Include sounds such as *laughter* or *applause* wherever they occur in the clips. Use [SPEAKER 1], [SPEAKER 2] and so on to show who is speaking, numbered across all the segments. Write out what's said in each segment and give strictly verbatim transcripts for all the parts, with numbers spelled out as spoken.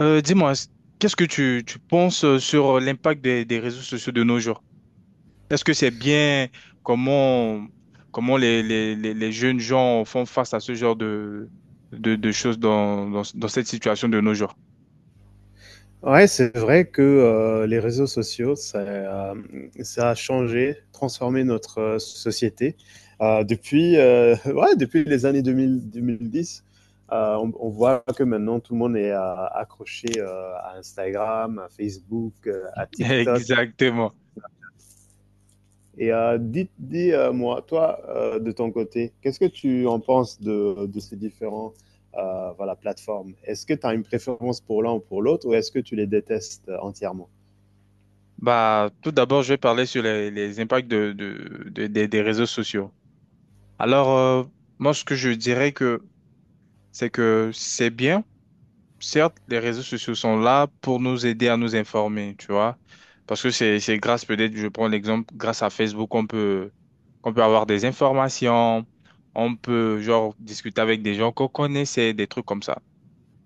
[SPEAKER 1] Euh, dis-moi, s- qu'est-ce que tu, tu penses euh, sur euh, l'impact des, des réseaux sociaux de nos jours? Est-ce que c'est bien comment, comment les, les, les, les jeunes gens font face à ce genre de, de, de choses dans, dans, dans cette situation de nos jours?
[SPEAKER 2] Ouais, c'est vrai que euh, les réseaux sociaux, ça, euh, ça a changé, transformé notre euh, société. Euh, depuis, euh, *laughs* ouais, depuis les années deux mille, deux mille dix, euh, on, on voit que maintenant tout le monde est euh, accroché euh, à Instagram, à Facebook, euh, à
[SPEAKER 1] *laughs*
[SPEAKER 2] TikTok.
[SPEAKER 1] Exactement.
[SPEAKER 2] Et euh, dis, dis, euh, moi, toi, euh, de ton côté, qu'est-ce que tu en penses de, de ces différents euh, voilà, plateformes? Est-ce que tu as une préférence pour l'un ou pour l'autre, ou est-ce que tu les détestes euh, entièrement?
[SPEAKER 1] Bah, tout d'abord, je vais parler sur les, les impacts de, de, de- des des réseaux sociaux. Alors, euh, moi, ce que je dirais que c'est que c'est bien certes, les réseaux sociaux sont là pour nous aider à nous informer, tu vois. Parce que c'est, c'est grâce, peut-être, je prends l'exemple, grâce à Facebook, on peut, on peut avoir des informations, on peut, genre, discuter avec des gens qu'on connaissait, des trucs comme ça.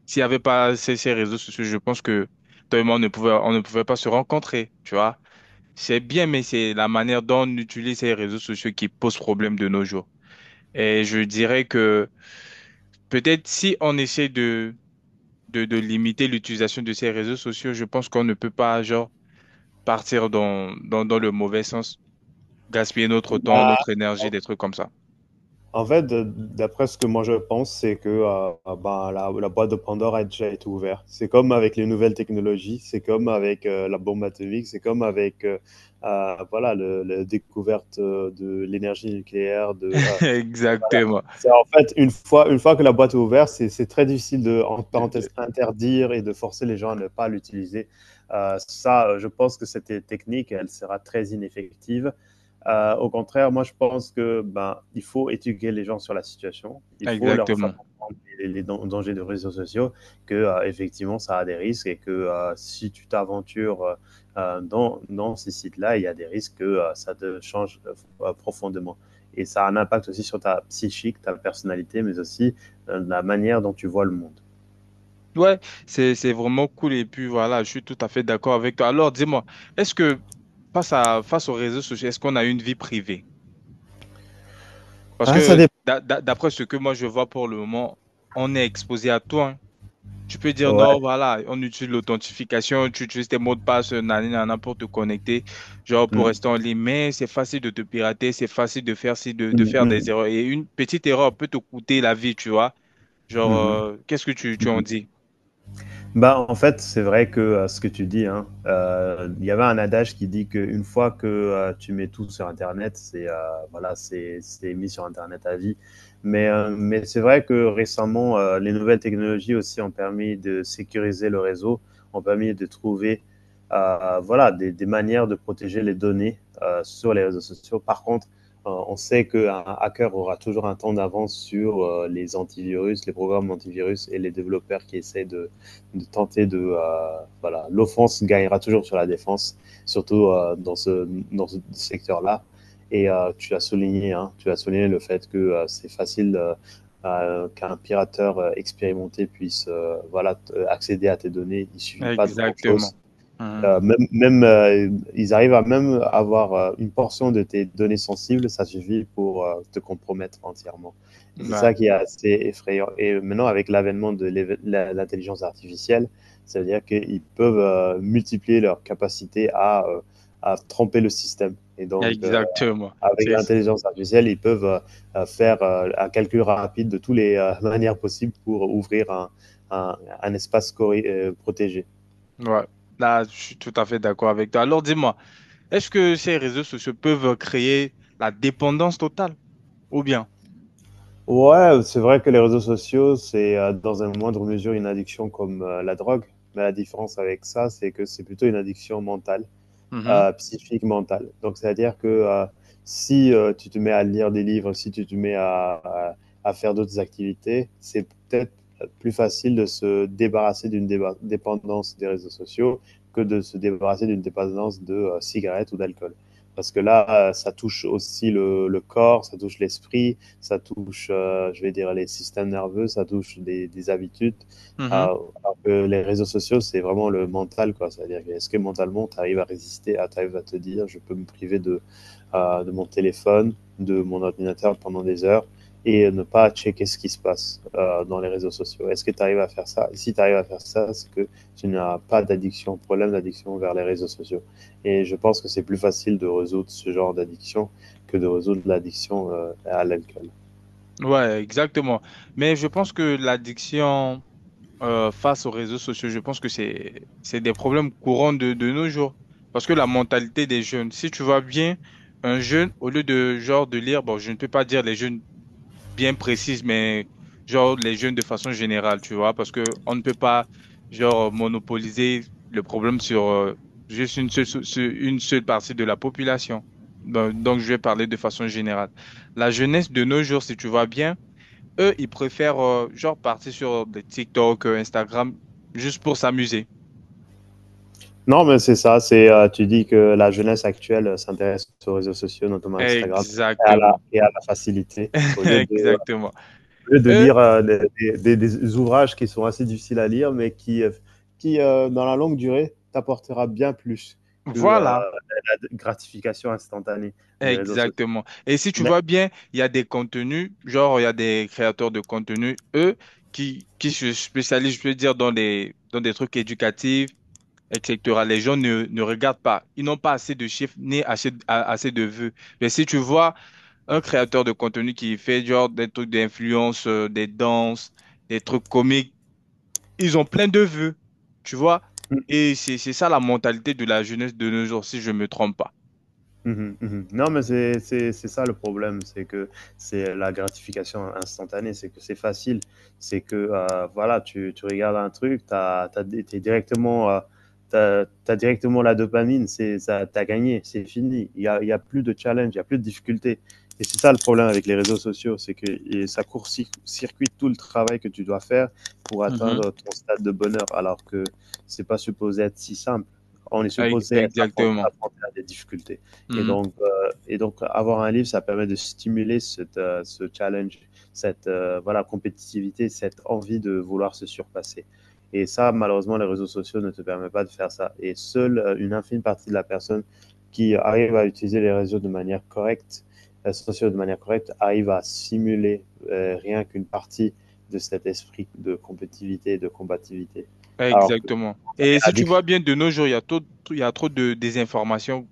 [SPEAKER 1] S'il n'y avait pas ces, ces réseaux sociaux, je pense que toi et moi, on ne pouvait, on ne pouvait pas se rencontrer, tu vois. C'est bien, mais c'est la manière dont on utilise ces réseaux sociaux qui pose problème de nos jours. Et je dirais que peut-être si on essaie de, de limiter l'utilisation de ces réseaux sociaux. Je pense qu'on ne peut pas, genre, partir dans, dans, dans le mauvais sens, gaspiller notre temps,
[SPEAKER 2] Bah,
[SPEAKER 1] notre énergie, des trucs comme ça.
[SPEAKER 2] En fait, de- d'après ce que moi je pense, c'est que euh, bah, la, la boîte de Pandore a déjà été ouverte. C'est comme avec les nouvelles technologies, c'est comme avec euh, la bombe atomique, c'est comme avec euh, euh, voilà, le- la découverte euh, de l'énergie nucléaire, de,
[SPEAKER 1] *laughs*
[SPEAKER 2] euh,
[SPEAKER 1] Exactement.
[SPEAKER 2] c'est en fait une fois, une fois que la boîte est ouverte, c'est c'est très difficile de, en
[SPEAKER 1] De-
[SPEAKER 2] parenthèse,
[SPEAKER 1] de-
[SPEAKER 2] interdire et de forcer les gens à ne pas l'utiliser. Euh, ça, euh, je pense que cette technique, elle sera très ineffective. Euh, au contraire, moi, je pense que ben, il faut éduquer les gens sur la situation. Il faut leur faire
[SPEAKER 1] Exactement.
[SPEAKER 2] comprendre les, les dan- dangers des réseaux sociaux, que euh, effectivement, ça a des risques, et que euh, si tu t'aventures euh, euh, dans, dans ces sites-là, il y a des risques que euh, ça te change euh, profondément. Et ça a un impact aussi sur ta psychique, ta personnalité, mais aussi euh, la manière dont tu vois le monde.
[SPEAKER 1] Ouais, c'est, c'est vraiment cool et puis voilà, je suis tout à fait d'accord avec toi. Alors dis-moi, est-ce que face à, face aux réseaux sociaux, est-ce qu'on a une vie privée? Parce
[SPEAKER 2] Ah, ça
[SPEAKER 1] que
[SPEAKER 2] dépend.
[SPEAKER 1] d'a- d'a- d'après ce que moi je vois pour le moment, on est exposé à tout, hein. Tu peux dire non,
[SPEAKER 2] Ouais.
[SPEAKER 1] voilà, on utilise l'authentification, tu utilises tes mots de passe, euh, nani, nana, pour te connecter, genre pour
[SPEAKER 2] Mm.
[SPEAKER 1] rester en ligne. Mais c'est facile de te pirater, c'est facile de faire, ci, de, de
[SPEAKER 2] Mm,
[SPEAKER 1] faire des
[SPEAKER 2] mm,
[SPEAKER 1] erreurs. Et une petite erreur peut te coûter la vie, tu vois. Genre,
[SPEAKER 2] mm,
[SPEAKER 1] euh, qu'est-ce que tu, tu en
[SPEAKER 2] mm.
[SPEAKER 1] dis?
[SPEAKER 2] Bah, en fait, c'est vrai que euh, ce que tu dis, hein, euh, il y avait un adage qui dit qu'une fois que euh, tu mets tout sur Internet, c'est euh, voilà, c'est c'est mis sur Internet à vie. Mais, euh, mais c'est vrai que récemment, euh, les nouvelles technologies aussi ont permis de sécuriser le réseau, ont permis de trouver euh, voilà, des, des manières de protéger les données euh, sur les réseaux sociaux. Par contre, euh, on sait qu'un hacker aura toujours un temps d'avance sur euh, les antivirus, les programmes antivirus et les développeurs qui essaient de de tenter de euh, voilà, l'offense gagnera toujours sur la défense, surtout euh, dans ce dans ce secteur là. Et euh, tu as souligné, hein, tu as souligné le fait que euh, c'est facile euh, euh, qu'un pirateur euh, expérimenté puisse euh, voilà accéder à tes données. Il suffit pas de grand
[SPEAKER 1] Exactement.
[SPEAKER 2] chose,
[SPEAKER 1] Mhm.
[SPEAKER 2] euh, même, même euh, ils arrivent à même avoir euh, une portion de tes données sensibles, ça suffit pour euh, te compromettre entièrement. Et c'est
[SPEAKER 1] Ouais,
[SPEAKER 2] ça qui est assez effrayant. Et maintenant, avec l'avènement de l'éve- la- l'intelligence artificielle, ça veut dire qu'ils peuvent euh, multiplier leur capacité à, euh, à tromper le système. Et donc, euh,
[SPEAKER 1] exactement.
[SPEAKER 2] avec
[SPEAKER 1] C'est,
[SPEAKER 2] l'intelligence artificielle, ils peuvent euh, euh, faire euh, un calcul rapide de toutes les euh, *laughs* manières possibles pour ouvrir un, un, un espace corri- euh, protégé.
[SPEAKER 1] ouais. Là, je suis tout à fait d'accord avec toi. Alors, dis-moi, est-ce que ces réseaux sociaux peuvent créer la dépendance totale ou bien?
[SPEAKER 2] Ouais, c'est vrai que les réseaux sociaux, c'est euh, dans une moindre mesure une addiction comme euh, la drogue. Mais la différence avec ça, c'est que c'est plutôt une addiction mentale,
[SPEAKER 1] Mhm.
[SPEAKER 2] euh, psychique, mentale. Donc, c'est-à-dire que euh, si euh, tu te mets à lire des livres, si tu te mets à, à- à faire d'autres activités, c'est peut-être plus facile de se débarrasser d'une déba- dépendance des réseaux sociaux que de se débarrasser d'une dépendance de euh, cigarettes ou d'alcool. Parce que là, euh, ça touche aussi le, le corps, ça touche l'esprit, ça touche, euh, je vais dire, les systèmes nerveux, ça touche des, des habitudes.
[SPEAKER 1] Mhm.
[SPEAKER 2] Euh, alors que les réseaux sociaux, c'est vraiment le mental, quoi. C'est-à-dire, que est-ce que mentalement, tu arrives à résister, à, tu arrives à te dire, je peux me priver de, euh, de mon téléphone, de mon ordinateur pendant des heures et ne pas checker ce qui se passe euh, dans les réseaux sociaux. Est-ce que tu arrives à faire ça? Et si tu arrives à faire ça, c'est que tu n'as pas d'addiction, problème d'addiction vers les réseaux sociaux. Et je pense que c'est plus facile de résoudre ce genre d'addiction que de résoudre l'addiction euh, à l'alcool.
[SPEAKER 1] Ouais, exactement. Mais je pense que l'addiction euh, face aux réseaux sociaux, je pense que c'est c'est des problèmes courants de, de nos jours. Parce que la mentalité des jeunes, si tu vois bien, un jeune, au lieu de genre de lire, bon, je ne peux pas dire les jeunes bien précises, mais genre les jeunes de façon générale, tu vois, parce que on ne peut pas genre monopoliser le problème sur euh, juste une seule, sur une seule partie de la population. Donc donc, je vais parler de façon générale. La jeunesse de nos jours, si tu vois bien. Eux, ils préfèrent euh, genre partir sur euh, des TikTok, euh, Instagram, juste pour s'amuser.
[SPEAKER 2] Non, mais c'est ça. C'est euh, Tu dis que la jeunesse actuelle euh, s'intéresse aux réseaux sociaux, notamment Instagram, et à la,
[SPEAKER 1] Exactement.
[SPEAKER 2] et à la facilité. Au
[SPEAKER 1] *laughs*
[SPEAKER 2] lieu de, au
[SPEAKER 1] Exactement.
[SPEAKER 2] lieu de
[SPEAKER 1] Eux,
[SPEAKER 2] lire euh, des, des- des- des ouvrages qui sont assez difficiles à lire, mais qui, euh, qui euh, dans la longue durée, t'apportera bien plus que euh,
[SPEAKER 1] voilà.
[SPEAKER 2] la gratification instantanée des réseaux sociaux.
[SPEAKER 1] Exactement. Et si tu
[SPEAKER 2] Mais
[SPEAKER 1] vois bien, il y a des contenus, genre il y a des créateurs de contenu, eux, qui, qui se spécialisent, je peux dire, dans des, dans des trucs éducatifs, et cetera. Les gens ne, ne regardent pas. Ils n'ont pas assez de chiffres ni assez, a- assez de vues. Mais si tu vois, un créateur de contenu qui fait genre des trucs d'influence, euh, des danses, des trucs comiques. Ils ont plein de vues, tu vois. Et c'est c'est ça la mentalité de la jeunesse de nos jours, si je ne me trompe pas.
[SPEAKER 2] Mmh mh, mmh non, mais c'est c'est c'est ça le problème, c'est que c'est la gratification instantanée, c'est que c'est facile, c'est que, heu, voilà, tu tu regardes un truc, t'as as tu directement, heu, t'as as directement la dopamine, c'est ça, t'as gagné, c'est fini. Il y a il y a plus de challenge, il y a plus de difficulté, et c'est ça le problème avec les réseaux sociaux, c'est que et ça court circuite tout le travail que tu dois faire pour
[SPEAKER 1] Mhm.
[SPEAKER 2] atteindre ton stade de bonheur, alors que c'est pas supposé être si simple. On est
[SPEAKER 1] Ex-
[SPEAKER 2] supposé être affron
[SPEAKER 1] Exactement.
[SPEAKER 2] affronté à des difficultés. Et
[SPEAKER 1] Mhm.
[SPEAKER 2] donc, euh, et donc avoir un livre, ça permet de stimuler cette, euh, ce challenge, cette euh, voilà, compétitivité, cette envie de vouloir se surpasser. Et ça, malheureusement, les réseaux sociaux ne te permettent pas de faire ça. Et seule euh, une infime partie de la personne qui arrive à utiliser les réseaux de manière correcte, les réseaux sociaux de manière correcte, arrive à simuler euh, rien qu'une partie de cet esprit de compétitivité et de combativité. Alors que
[SPEAKER 1] Exactement.
[SPEAKER 2] quand on
[SPEAKER 1] Et
[SPEAKER 2] est
[SPEAKER 1] si tu
[SPEAKER 2] addict…
[SPEAKER 1] vois bien, de nos jours, il y a trop, il y a trop de désinformation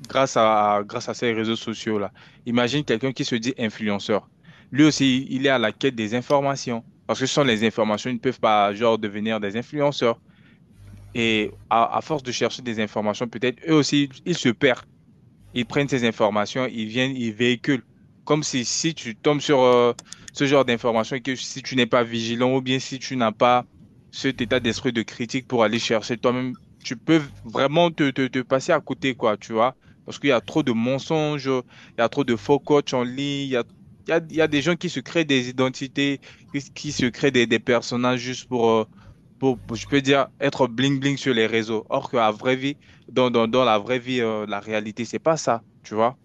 [SPEAKER 1] grâce à, à- grâce à ces réseaux sociaux-là. Imagine quelqu'un qui se dit influenceur. Lui aussi, il est à la quête des informations. Parce que sans les informations, ils ne peuvent pas, genre, devenir des influenceurs. Et à, à force de chercher des informations, peut-être eux aussi, ils se perdent. Ils prennent ces informations, ils viennent, ils véhiculent. Comme si, si tu tombes sur euh, ce genre d'informations et que si tu n'es pas vigilant ou bien si tu n'as pas cet état d'esprit de critique pour aller chercher toi-même, tu peux vraiment te, te, te passer à côté, quoi, tu vois. Parce qu'il y a trop de mensonges, il y a trop de faux coachs en ligne, il y a, il y a, il y a des gens qui se créent des identités, qui, qui se créent des, des personnages juste pour, euh, pour, pour, je peux dire, être bling-bling sur les réseaux. Or qu'à vraie vie, dans, dans, dans la vraie vie, euh, la réalité, c'est pas ça, tu vois.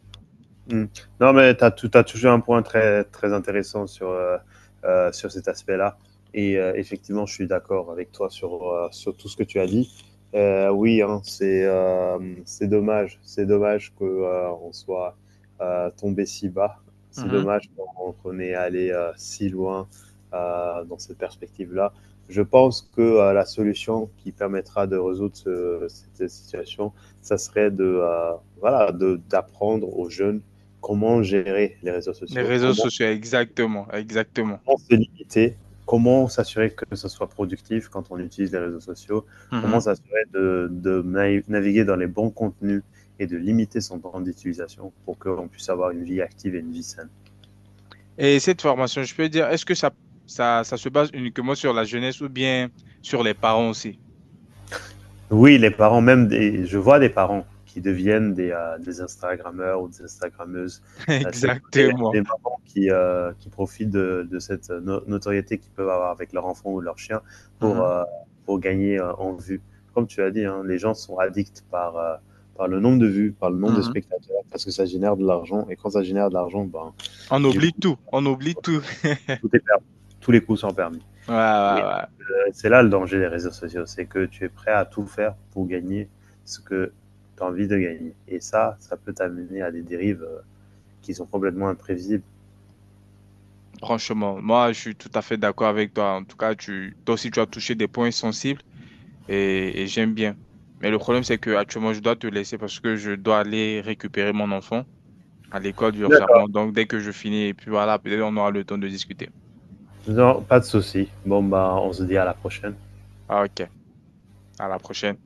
[SPEAKER 2] Mm. Non, mais tu as, as, toujours un point très, très intéressant sur, euh, euh, sur cet aspect-là. Et euh, effectivement, je suis d'accord avec toi sur, euh, sur tout ce que tu as dit. Euh, oui, hein, c'est euh, c'est dommage. C'est dommage qu'on euh, soit euh, tombé si bas. C'est
[SPEAKER 1] Mhm.
[SPEAKER 2] dommage qu'on qu'on est allé euh, si loin euh, dans cette perspective-là. Je pense que euh, la solution qui permettra de résoudre ce, cette situation, ça serait de euh, voilà de, d'apprendre aux jeunes comment gérer les réseaux
[SPEAKER 1] Les
[SPEAKER 2] sociaux,
[SPEAKER 1] réseaux
[SPEAKER 2] comment,
[SPEAKER 1] sociaux, exactement, exactement.
[SPEAKER 2] comment se limiter, comment s'assurer que ce soit productif quand on utilise les réseaux sociaux,
[SPEAKER 1] Mhm.
[SPEAKER 2] comment s'assurer de, de naviguer dans les bons contenus et de limiter son temps d'utilisation pour qu'on puisse avoir une vie active et une vie saine.
[SPEAKER 1] Et cette formation, je peux dire, est-ce que ça, ça, ça se base uniquement sur la jeunesse ou bien sur les parents aussi?
[SPEAKER 2] Oui, les parents, même des, je vois des parents qui deviennent des, heu, des Instagrammeurs ou des Instagrammeuses,
[SPEAKER 1] *laughs*
[SPEAKER 2] heu, surtout des
[SPEAKER 1] Exactement.
[SPEAKER 2] des mamans qui, heu, qui profitent de de cette euh, no notoriété qu'ils peuvent avoir avec leur enfant ou leur chien pour,
[SPEAKER 1] Mhm.
[SPEAKER 2] heu, pour gagner, heu, en vue. Comme tu as dit, hein, les gens sont addicts par, heu, par le nombre de vues, par le nombre de
[SPEAKER 1] Mhm.
[SPEAKER 2] spectateurs, parce que ça génère de l'argent, et quand ça génère de l'argent, ben,
[SPEAKER 1] On
[SPEAKER 2] du
[SPEAKER 1] oublie
[SPEAKER 2] coup,
[SPEAKER 1] tout, on oublie tout. *laughs*
[SPEAKER 2] tout est permis, tous les coups sont permis.
[SPEAKER 1] Ouais, ouais, ouais.
[SPEAKER 2] C'est là le danger des réseaux sociaux, c'est que tu es prêt à tout faire pour gagner ce que tu as envie de gagner. Et ça, ça peut t'amener à des dérives euh, qui sont complètement imprévisibles.
[SPEAKER 1] Franchement, moi, je suis tout à fait d'accord avec toi. En tout cas, tu, toi aussi, tu as touché des points sensibles et, et j'aime bien. Mais le problème, c'est que actuellement, je dois te laisser parce que je dois aller récupérer mon enfant à l'école urgemment.
[SPEAKER 2] D'accord.
[SPEAKER 1] Donc, dès que je finis, et puis voilà, peut-être on aura le temps de discuter.
[SPEAKER 2] Non, pas de souci. Bon, bah, on se dit à la prochaine.
[SPEAKER 1] Ah, ok, à la prochaine.